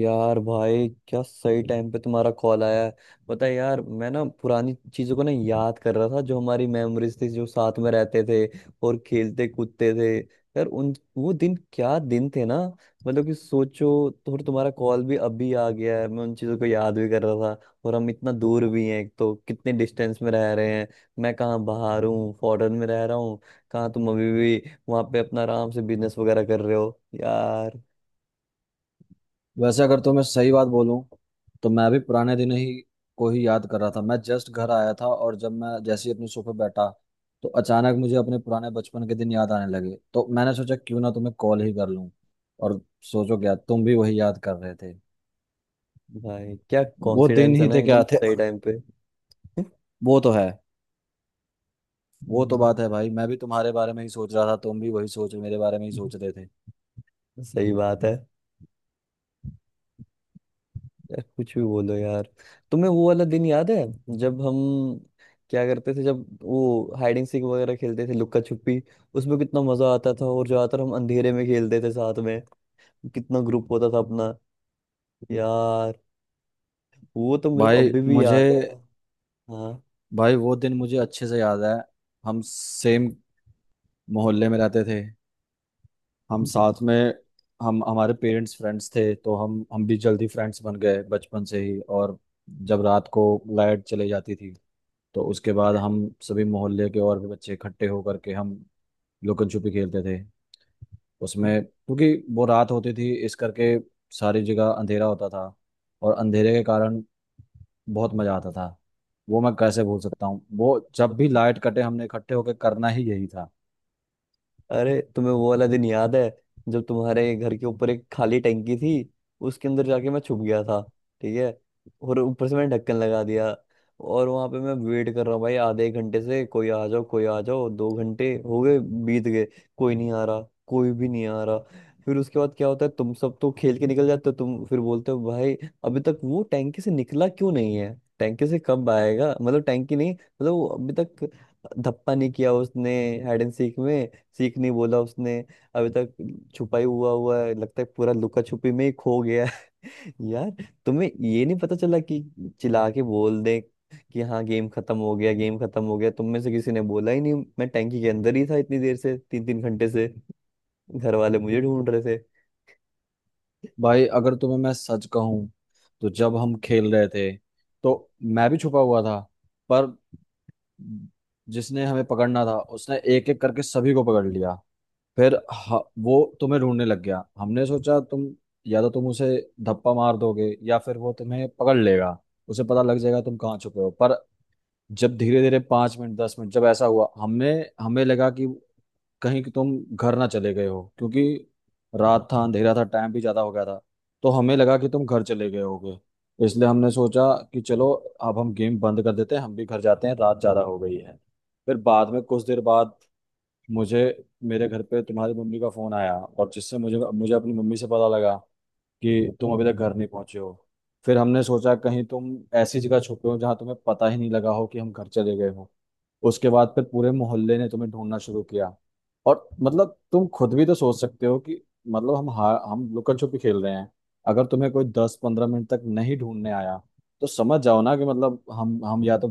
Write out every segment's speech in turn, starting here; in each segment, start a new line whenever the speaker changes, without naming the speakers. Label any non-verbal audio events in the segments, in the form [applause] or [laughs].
यार भाई, क्या सही टाइम पे तुम्हारा कॉल आया है। पता है यार, मैं ना पुरानी चीजों को ना याद कर रहा था, जो हमारी मेमोरीज थी, जो साथ में रहते थे और खेलते कूदते थे। यार उन वो दिन क्या दिन थे ना। मतलब कि सोचो तो, और तुम्हारा कॉल भी अभी आ गया है, मैं उन चीजों को याद भी कर रहा था, और हम इतना दूर भी हैं, एक तो कितने डिस्टेंस में रह रहे हैं। मैं कहाँ बाहर हूँ, फॉरेन में रह रहा हूँ, कहाँ तुम अभी भी वहां पे अपना आराम से बिजनेस वगैरह कर रहे हो यार।
वैसे अगर तुम्हें सही बात बोलूं तो मैं भी पुराने दिन ही को ही याद कर रहा था। मैं जस्ट घर आया था और जब मैं जैसे ही अपने सोफे बैठा तो अचानक मुझे अपने पुराने बचपन के दिन याद आने लगे। तो मैंने सोचा क्यों ना तुम्हें कॉल ही कर लूं और सोचो क्या तुम भी वही याद कर रहे थे।
भाई, क्या
वो दिन
कॉन्फिडेंस है
ही
ना,
थे
एकदम
क्या थे।
सही टाइम पे।
वो तो है। वो तो
हम्म।
बात है भाई, मैं भी तुम्हारे बारे में ही सोच रहा था, तुम भी वही सोच मेरे बारे में ही सोच रहे थे।
सही बात है। यार कुछ भी बोलो यार, तुम्हें वो वाला दिन याद है जब हम क्या करते थे, जब वो हाइड एंड सीक वगैरह खेलते थे, लुक्का छुपी। उसमें कितना मजा आता था, और ज्यादातर हम अंधेरे में खेलते थे साथ में। कितना ग्रुप होता था अपना यार। वो तो मेरे को
भाई
अभी भी
मुझे
याद है। हाँ।
भाई वो दिन मुझे अच्छे से याद है। हम सेम मोहल्ले में रहते थे, हम साथ में, हम हमारे पेरेंट्स फ्रेंड्स थे तो हम भी जल्दी फ्रेंड्स बन गए बचपन से ही। और जब रात को लाइट चली जाती थी तो उसके बाद हम सभी मोहल्ले के और भी बच्चे इकट्ठे होकर के हम लुकन छुपी खेलते थे। उसमें क्योंकि वो रात होती थी इस करके सारी जगह अंधेरा होता था, और अंधेरे के कारण बहुत मजा आता था। वो मैं कैसे भूल सकता हूँ। वो जब भी लाइट कटे हमने इकट्ठे होकर करना ही यही था।
अरे तुम्हें वो वाला दिन याद है जब तुम्हारे घर के ऊपर एक खाली टंकी थी, उसके अंदर जाके मैं छुप गया था। ठीक है। और ऊपर से मैंने ढक्कन लगा दिया, और वहां पे मैं वेट कर रहा हूँ, भाई आधे एक घंटे से कोई आ जाओ कोई आ जाओ, 2 घंटे हो गए, बीत गए, कोई नहीं आ रहा, कोई भी नहीं आ रहा। फिर उसके बाद क्या होता है, तुम सब तो खेल के निकल जाते हो, तुम फिर बोलते हो, भाई अभी तक वो टैंकी से निकला क्यों नहीं है, टैंकी से कब आएगा, मतलब टैंकी नहीं, मतलब वो अभी तक धप्पा नहीं किया उसने, हाइड एंड सीक में सीख नहीं बोला उसने अभी तक, छुपाई हुआ हुआ है, लगता है पूरा लुका छुपी में ही खो गया है। [laughs] यार, तुम्हें ये नहीं पता चला कि चिल्ला के बोल दे कि हाँ गेम खत्म हो गया, गेम खत्म हो गया, तुम में से किसी ने बोला ही नहीं, मैं टैंकी के अंदर ही था इतनी देर से, तीन तीन घंटे से घर वाले मुझे ढूंढ रहे थे।
भाई अगर तुम्हें मैं सच कहूं, तो जब हम खेल रहे थे तो मैं भी छुपा हुआ था। पर जिसने हमें पकड़ना था उसने एक एक करके सभी को पकड़ लिया। फिर वो तुम्हें ढूंढने लग गया। हमने सोचा तुम या तो तुम उसे धप्पा मार दोगे या फिर वो तुम्हें पकड़ लेगा, उसे पता लग जाएगा तुम कहाँ छुपे हो। पर जब धीरे धीरे 5 मिनट 10 मिनट जब ऐसा हुआ, हमने हमें लगा कि कहीं कि तुम घर ना चले गए हो, क्योंकि रात था अंधेरा था टाइम भी ज्यादा हो गया था। तो हमें लगा कि तुम घर चले गए होगे। इसलिए हमने सोचा कि चलो अब हम गेम बंद कर देते हैं, हम भी घर जाते हैं, रात ज्यादा हो गई है। फिर बाद में कुछ देर बाद मुझे, मेरे घर पे तुम्हारी मम्मी का फोन आया, और जिससे मुझे मुझे अपनी मम्मी से पता लगा कि तुम अभी तक घर नहीं पहुंचे हो। फिर हमने सोचा कहीं तुम ऐसी जगह छुपे हो जहां तुम्हें पता ही नहीं लगा हो कि हम घर चले गए हो। उसके बाद फिर पूरे मोहल्ले ने तुम्हें ढूंढना शुरू किया। और मतलब तुम खुद भी तो सोच सकते हो कि मतलब हम लुकन छुपी खेल रहे हैं, अगर तुम्हें कोई 10 15 मिनट तक नहीं ढूंढने आया तो समझ जाओ ना कि मतलब हम या तो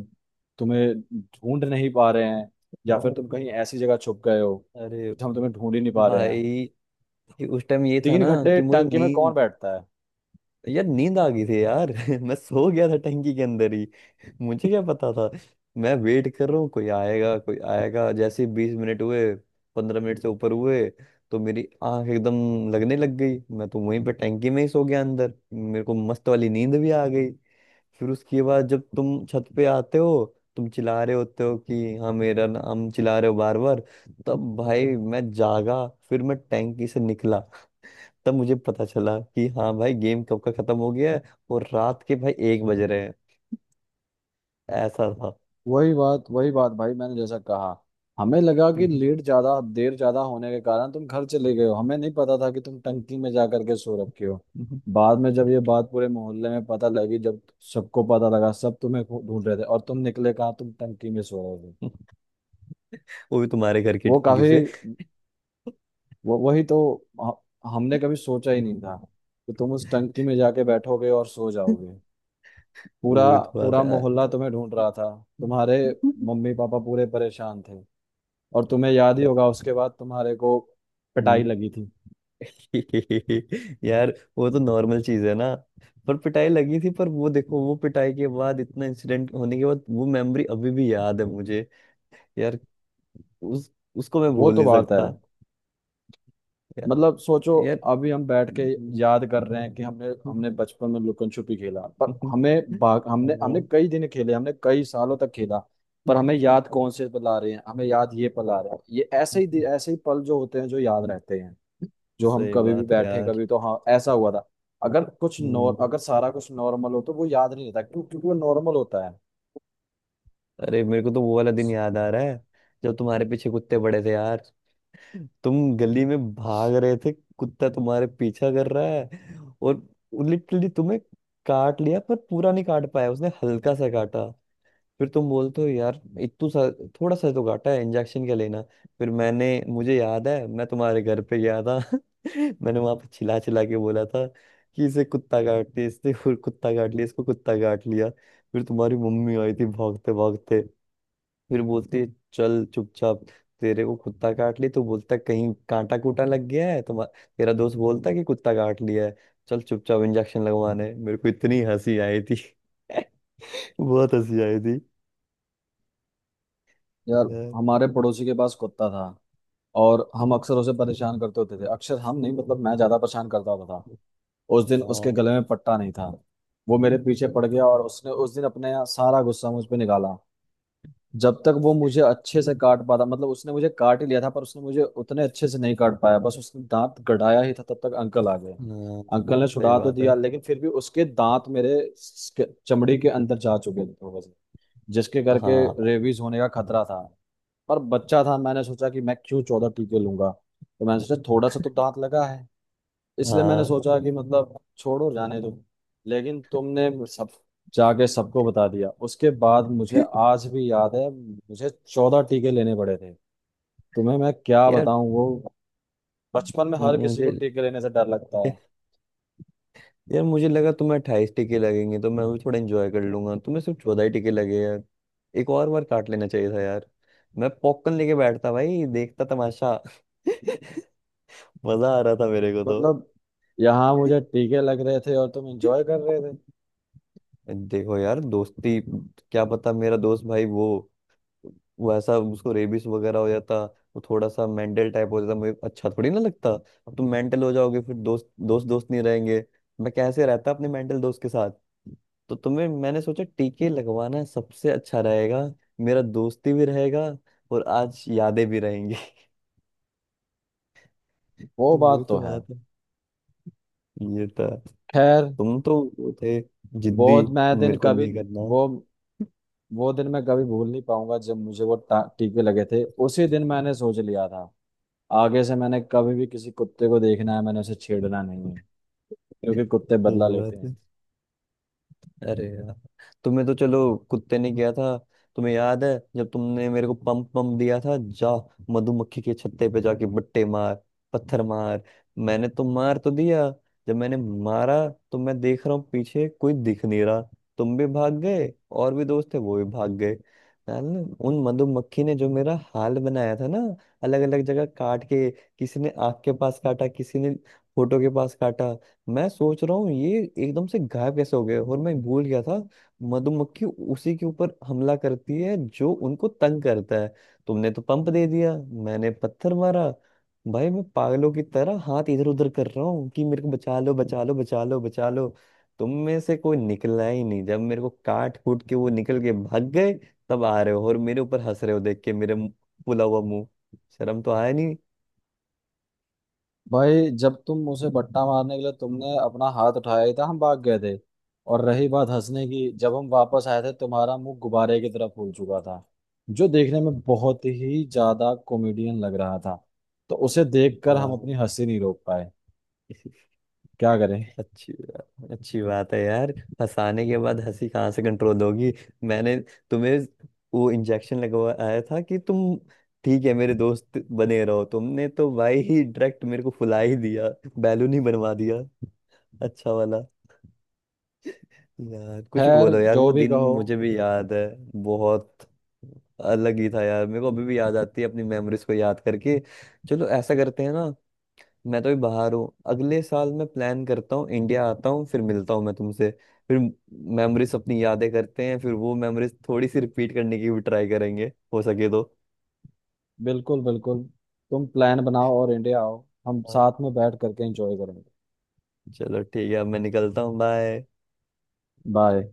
तुम्हें ढूंढ नहीं पा रहे हैं, या फिर तुम कहीं ऐसी जगह छुप गए हो कि
अरे
हम तुम्हें ढूंढ ही नहीं पा रहे हैं।
भाई, उस टाइम ये था
तीन
ना
घंटे
कि मुझे
टंकी में
नींद,
कौन बैठता है।
यार नींद आ गई थी यार। [laughs] मैं सो गया था टंकी के अंदर ही। [laughs] मुझे क्या पता था, मैं वेट कर रहा हूँ कोई आएगा कोई आएगा, जैसे 20 मिनट हुए, 15 मिनट से ऊपर हुए, तो मेरी आंख एकदम लगने लग गई, मैं तो वहीं पे टंकी में ही सो गया अंदर, मेरे को मस्त वाली नींद भी आ गई। फिर उसके बाद जब तुम छत पे आते हो, तुम चिल्ला रहे होते हो कि हाँ मेरा नाम चिल्ला रहे हो बार बार, तब भाई मैं जागा, फिर मैं टैंकी से निकला। तब मुझे पता चला कि हाँ भाई, गेम कब का खत्म हो गया है, और रात के भाई 1 बज रहे हैं। ऐसा था।
वही बात भाई, मैंने जैसा कहा, हमें लगा
[laughs]
कि
हम्म,
लेट ज्यादा देर ज्यादा होने के कारण तुम घर चले गए हो, हमें नहीं पता था कि तुम टंकी में जा करके सो रखे हो।
हम्म,
बाद में जब ये बात पूरे मोहल्ले में पता लगी, जब सबको पता लगा, सब तुम्हें ढूंढ रहे थे, और तुम निकले कहाँ, तुम टंकी में सो रहे थे।
हम्म। वो भी तुम्हारे घर की
वो
टंकी
काफी
से।
वो वही तो ह- हमने कभी सोचा ही नहीं था कि तुम उस टंकी में जाके बैठोगे और सो जाओगे। पूरा
वो भी तो बात
पूरा
है।
मोहल्ला तुम्हें ढूंढ रहा था, तुम्हारे मम्मी पापा पूरे परेशान थे। और तुम्हें याद ही
या-
होगा उसके बाद तुम्हारे को पिटाई
हम्म।
लगी थी।
[laughs] यार, वो तो नॉर्मल चीज है ना। पर पिटाई लगी थी, पर वो देखो, वो पिटाई के बाद, इतना इंसिडेंट होने के बाद वो मेमोरी अभी भी याद है मुझे यार। उस उसको मैं
वो
भूल
तो
नहीं
बात है।
सकता यार।
मतलब सोचो,
यार,
अभी हम बैठ के
हम्म।
याद कर रहे हैं कि हमने हमने बचपन में लुकन छुपी खेला। पर हमें
[laughs]
भाग हमने हमने
हाँ।
कई दिन खेले, हमने कई सालों तक खेला, पर हमें याद कौन से पल आ रहे हैं। हमें याद ये पल आ रहा है। ये ऐसे ही ऐसे ही पल जो होते हैं जो याद रहते हैं, जो हम
सही
कभी भी
बात है
बैठे
यार।
कभी, तो हाँ ऐसा हुआ था। अगर कुछ
हम्म।
नॉर अगर सारा कुछ नॉर्मल हो तो वो याद नहीं रहता, क्यों, क्योंकि वो नॉर्मल होता है।
अरे मेरे को तो वो वाला दिन याद आ रहा है जब तुम्हारे पीछे कुत्ते पड़े थे यार, तुम गली में भाग रहे थे, कुत्ता तुम्हारे पीछा कर रहा है, और लिटरली तुम्हें काट लिया, पर पूरा नहीं काट पाया, उसने हल्का सा काटा। फिर तुम बोलते हो यार, इतू सा, थोड़ा सा तो घाटा है, इंजेक्शन क्या लेना। फिर मैंने, मुझे याद है मैं तुम्हारे घर पे गया था। [laughs] मैंने वहां पे चिल्ला चिल्ला के बोला था कि इसे कुत्ता काट लिया, इसने, फिर कुत्ता काट लिया, इसको कुत्ता काट लिया। फिर तुम्हारी मम्मी आई थी भागते भागते, फिर बोलती है, चल चुपचाप, तेरे को कुत्ता काट लिया तो बोलता है, कहीं कांटा कूटा लग गया है तुम्हारा, तेरा दोस्त बोलता है कि कुत्ता काट लिया है, चल चुपचाप इंजेक्शन लगवाने, मेरे को इतनी हंसी आई थी। [laughs] बहुत हंसी आई थी
यार
यार।
हमारे पड़ोसी के पास कुत्ता था, और हम अक्सर उसे परेशान करते होते थे। अक्सर हम नहीं, मतलब मैं ज्यादा परेशान करता होता था। उस दिन उसके
हाँ।
गले में पट्टा नहीं था। वो मेरे पीछे पड़ गया, और उसने उस दिन अपने सारा गुस्सा मुझ पे निकाला। जब तक वो मुझे अच्छे से काट पाता, मतलब उसने मुझे काट ही लिया था, पर उसने मुझे उतने अच्छे से नहीं काट पाया, बस उसने दांत गड़ाया ही था तब तक अंकल आ गए।
हाँ,
अंकल ने
सही
छुड़ा तो
बात है।
दिया, लेकिन फिर भी उसके दांत मेरे चमड़ी के अंदर जा चुके थे। जिसके करके
हाँ
रेबीज होने का खतरा था। पर बच्चा था, मैंने सोचा कि मैं क्यों 14 टीके लूंगा, तो मैंने सोचा थोड़ा सा तो दांत लगा है, इसलिए मैंने
हाँ।
सोचा कि मतलब छोड़ो जाने दो। लेकिन तुमने सब जाके सबको बता दिया, उसके बाद मुझे
[laughs]
आज भी याद है, मुझे 14 टीके लेने पड़े थे। तुम्हें मैं क्या
यार।
बताऊं, वो बचपन में हर किसी
मुझे
को टीके लेने से डर लगता है।
यार, मुझे लगा तुम्हें 28 टिके लगेंगे तो मैं भी थोड़ा एंजॉय कर लूंगा, तुम्हें सिर्फ 14 ही टिके लगे यार, एक और बार काट लेना चाहिए था यार। मैं पॉपकॉर्न लेके बैठता भाई, देखता तमाशा। [laughs] मजा आ रहा था मेरे को तो।
मतलब यहाँ मुझे टीके लग रहे थे और तुम एंजॉय कर रहे थे।
देखो यार, दोस्ती, क्या पता, मेरा दोस्त भाई, वो वैसा उसको रेबिस वगैरह हो जाता, वो थोड़ा सा मेंटल टाइप हो जाता, मुझे अच्छा थोड़ी ना लगता। अब तुम मेंटल हो जाओगे, फिर दोस्त दोस्त दोस्त नहीं रहेंगे। मैं कैसे रहता अपने मेंटल दोस्त के साथ। तो तुम्हें, मैंने सोचा टीके लगवाना सबसे अच्छा रहेगा, मेरा दोस्ती भी रहेगा, और आज यादें भी रहेंगी। [laughs]
वो
तो वही
बात तो
तो
है।
बात है, ये था।
खैर,
तुम तो वो थे,
वो
जिद्दी,
मैं
मेरे
दिन
को
कभी
नहीं करना।
वो वो दिन मैं कभी भूल नहीं पाऊंगा जब मुझे वो टीके लगे थे। उसी दिन मैंने सोच लिया था आगे से मैंने कभी भी किसी कुत्ते को देखना है मैंने उसे छेड़ना नहीं है, क्योंकि कुत्ते बदला
सही
लेते
बात।
हैं।
अरे यार, तुम्हें तो चलो कुत्ते ने किया था, तुम्हें याद है जब तुमने मेरे को पंप पंप दिया था, जा मधुमक्खी के छत्ते पे जाके बट्टे मार, पत्थर मार। मैंने तो मार तो दिया, जब मैंने मारा तो मैं देख रहा हूँ, पीछे कोई दिख नहीं रहा। तुम भी भाग गए, और भी दोस्त थे वो भी भाग गए यार। ना, उन मधुमक्खी ने जो मेरा हाल बनाया था ना, अलग अलग जगह काट के, किसी ने आँख के पास काटा, किसी ने फोटो के पास काटा। मैं सोच रहा हूँ ये एकदम से गायब कैसे हो गए, और मैं भूल गया था मधुमक्खी उसी के ऊपर हमला करती है जो उनको तंग करता है। तुमने तो पंप दे दिया, मैंने पत्थर मारा। भाई मैं पागलों की तरह हाथ इधर उधर कर रहा हूँ कि मेरे को बचा लो बचा लो बचा लो बचा लो, तुम में से कोई निकला ही नहीं। जब मेरे को काट कूट के वो निकल के भाग गए, तब आ रहे हो और मेरे ऊपर हंस रहे हो देख के, मेरे फूला हुआ मुंह। शर्म तो आया नहीं।
भाई जब तुम उसे बट्टा मारने के लिए तुमने अपना हाथ उठाया ही था हम भाग गए थे। और रही बात हंसने की, जब हम वापस आए थे तुम्हारा मुंह गुब्बारे की तरह फूल चुका था, जो देखने में बहुत ही ज्यादा कॉमेडियन लग रहा था, तो उसे देखकर हम अपनी
हाँ।
हंसी नहीं रोक पाए, क्या करें।
अच्छी अच्छी बात है यार, फंसाने के बाद हंसी कहाँ से कंट्रोल होगी। मैंने तुम्हें वो इंजेक्शन लगवाया था कि तुम ठीक है मेरे दोस्त बने रहो, तुमने तो भाई ही डायरेक्ट मेरे को फुला ही दिया, बैलून ही बनवा दिया अच्छा वाला। यार कुछ भी
खैर,
बोलो यार, वो
जो भी
दिन
कहो,
मुझे भी याद है, बहुत अलग ही था यार, मेरे को अभी भी याद आती है अपनी मेमोरीज को याद करके। चलो ऐसा करते हैं ना, मैं तो भी बाहर हूँ, अगले साल मैं प्लान करता हूँ, इंडिया आता हूँ, फिर मिलता हूँ मैं तुमसे, फिर मेमोरीज अपनी यादें करते हैं, फिर वो मेमोरीज थोड़ी सी रिपीट करने की भी ट्राई करेंगे हो सके तो।
बिल्कुल बिल्कुल, तुम प्लान बनाओ और इंडिया आओ, हम
हाँ।
साथ में बैठ करके एंजॉय करेंगे।
चलो ठीक है, अब मैं निकलता हूँ, बाय।
बाय।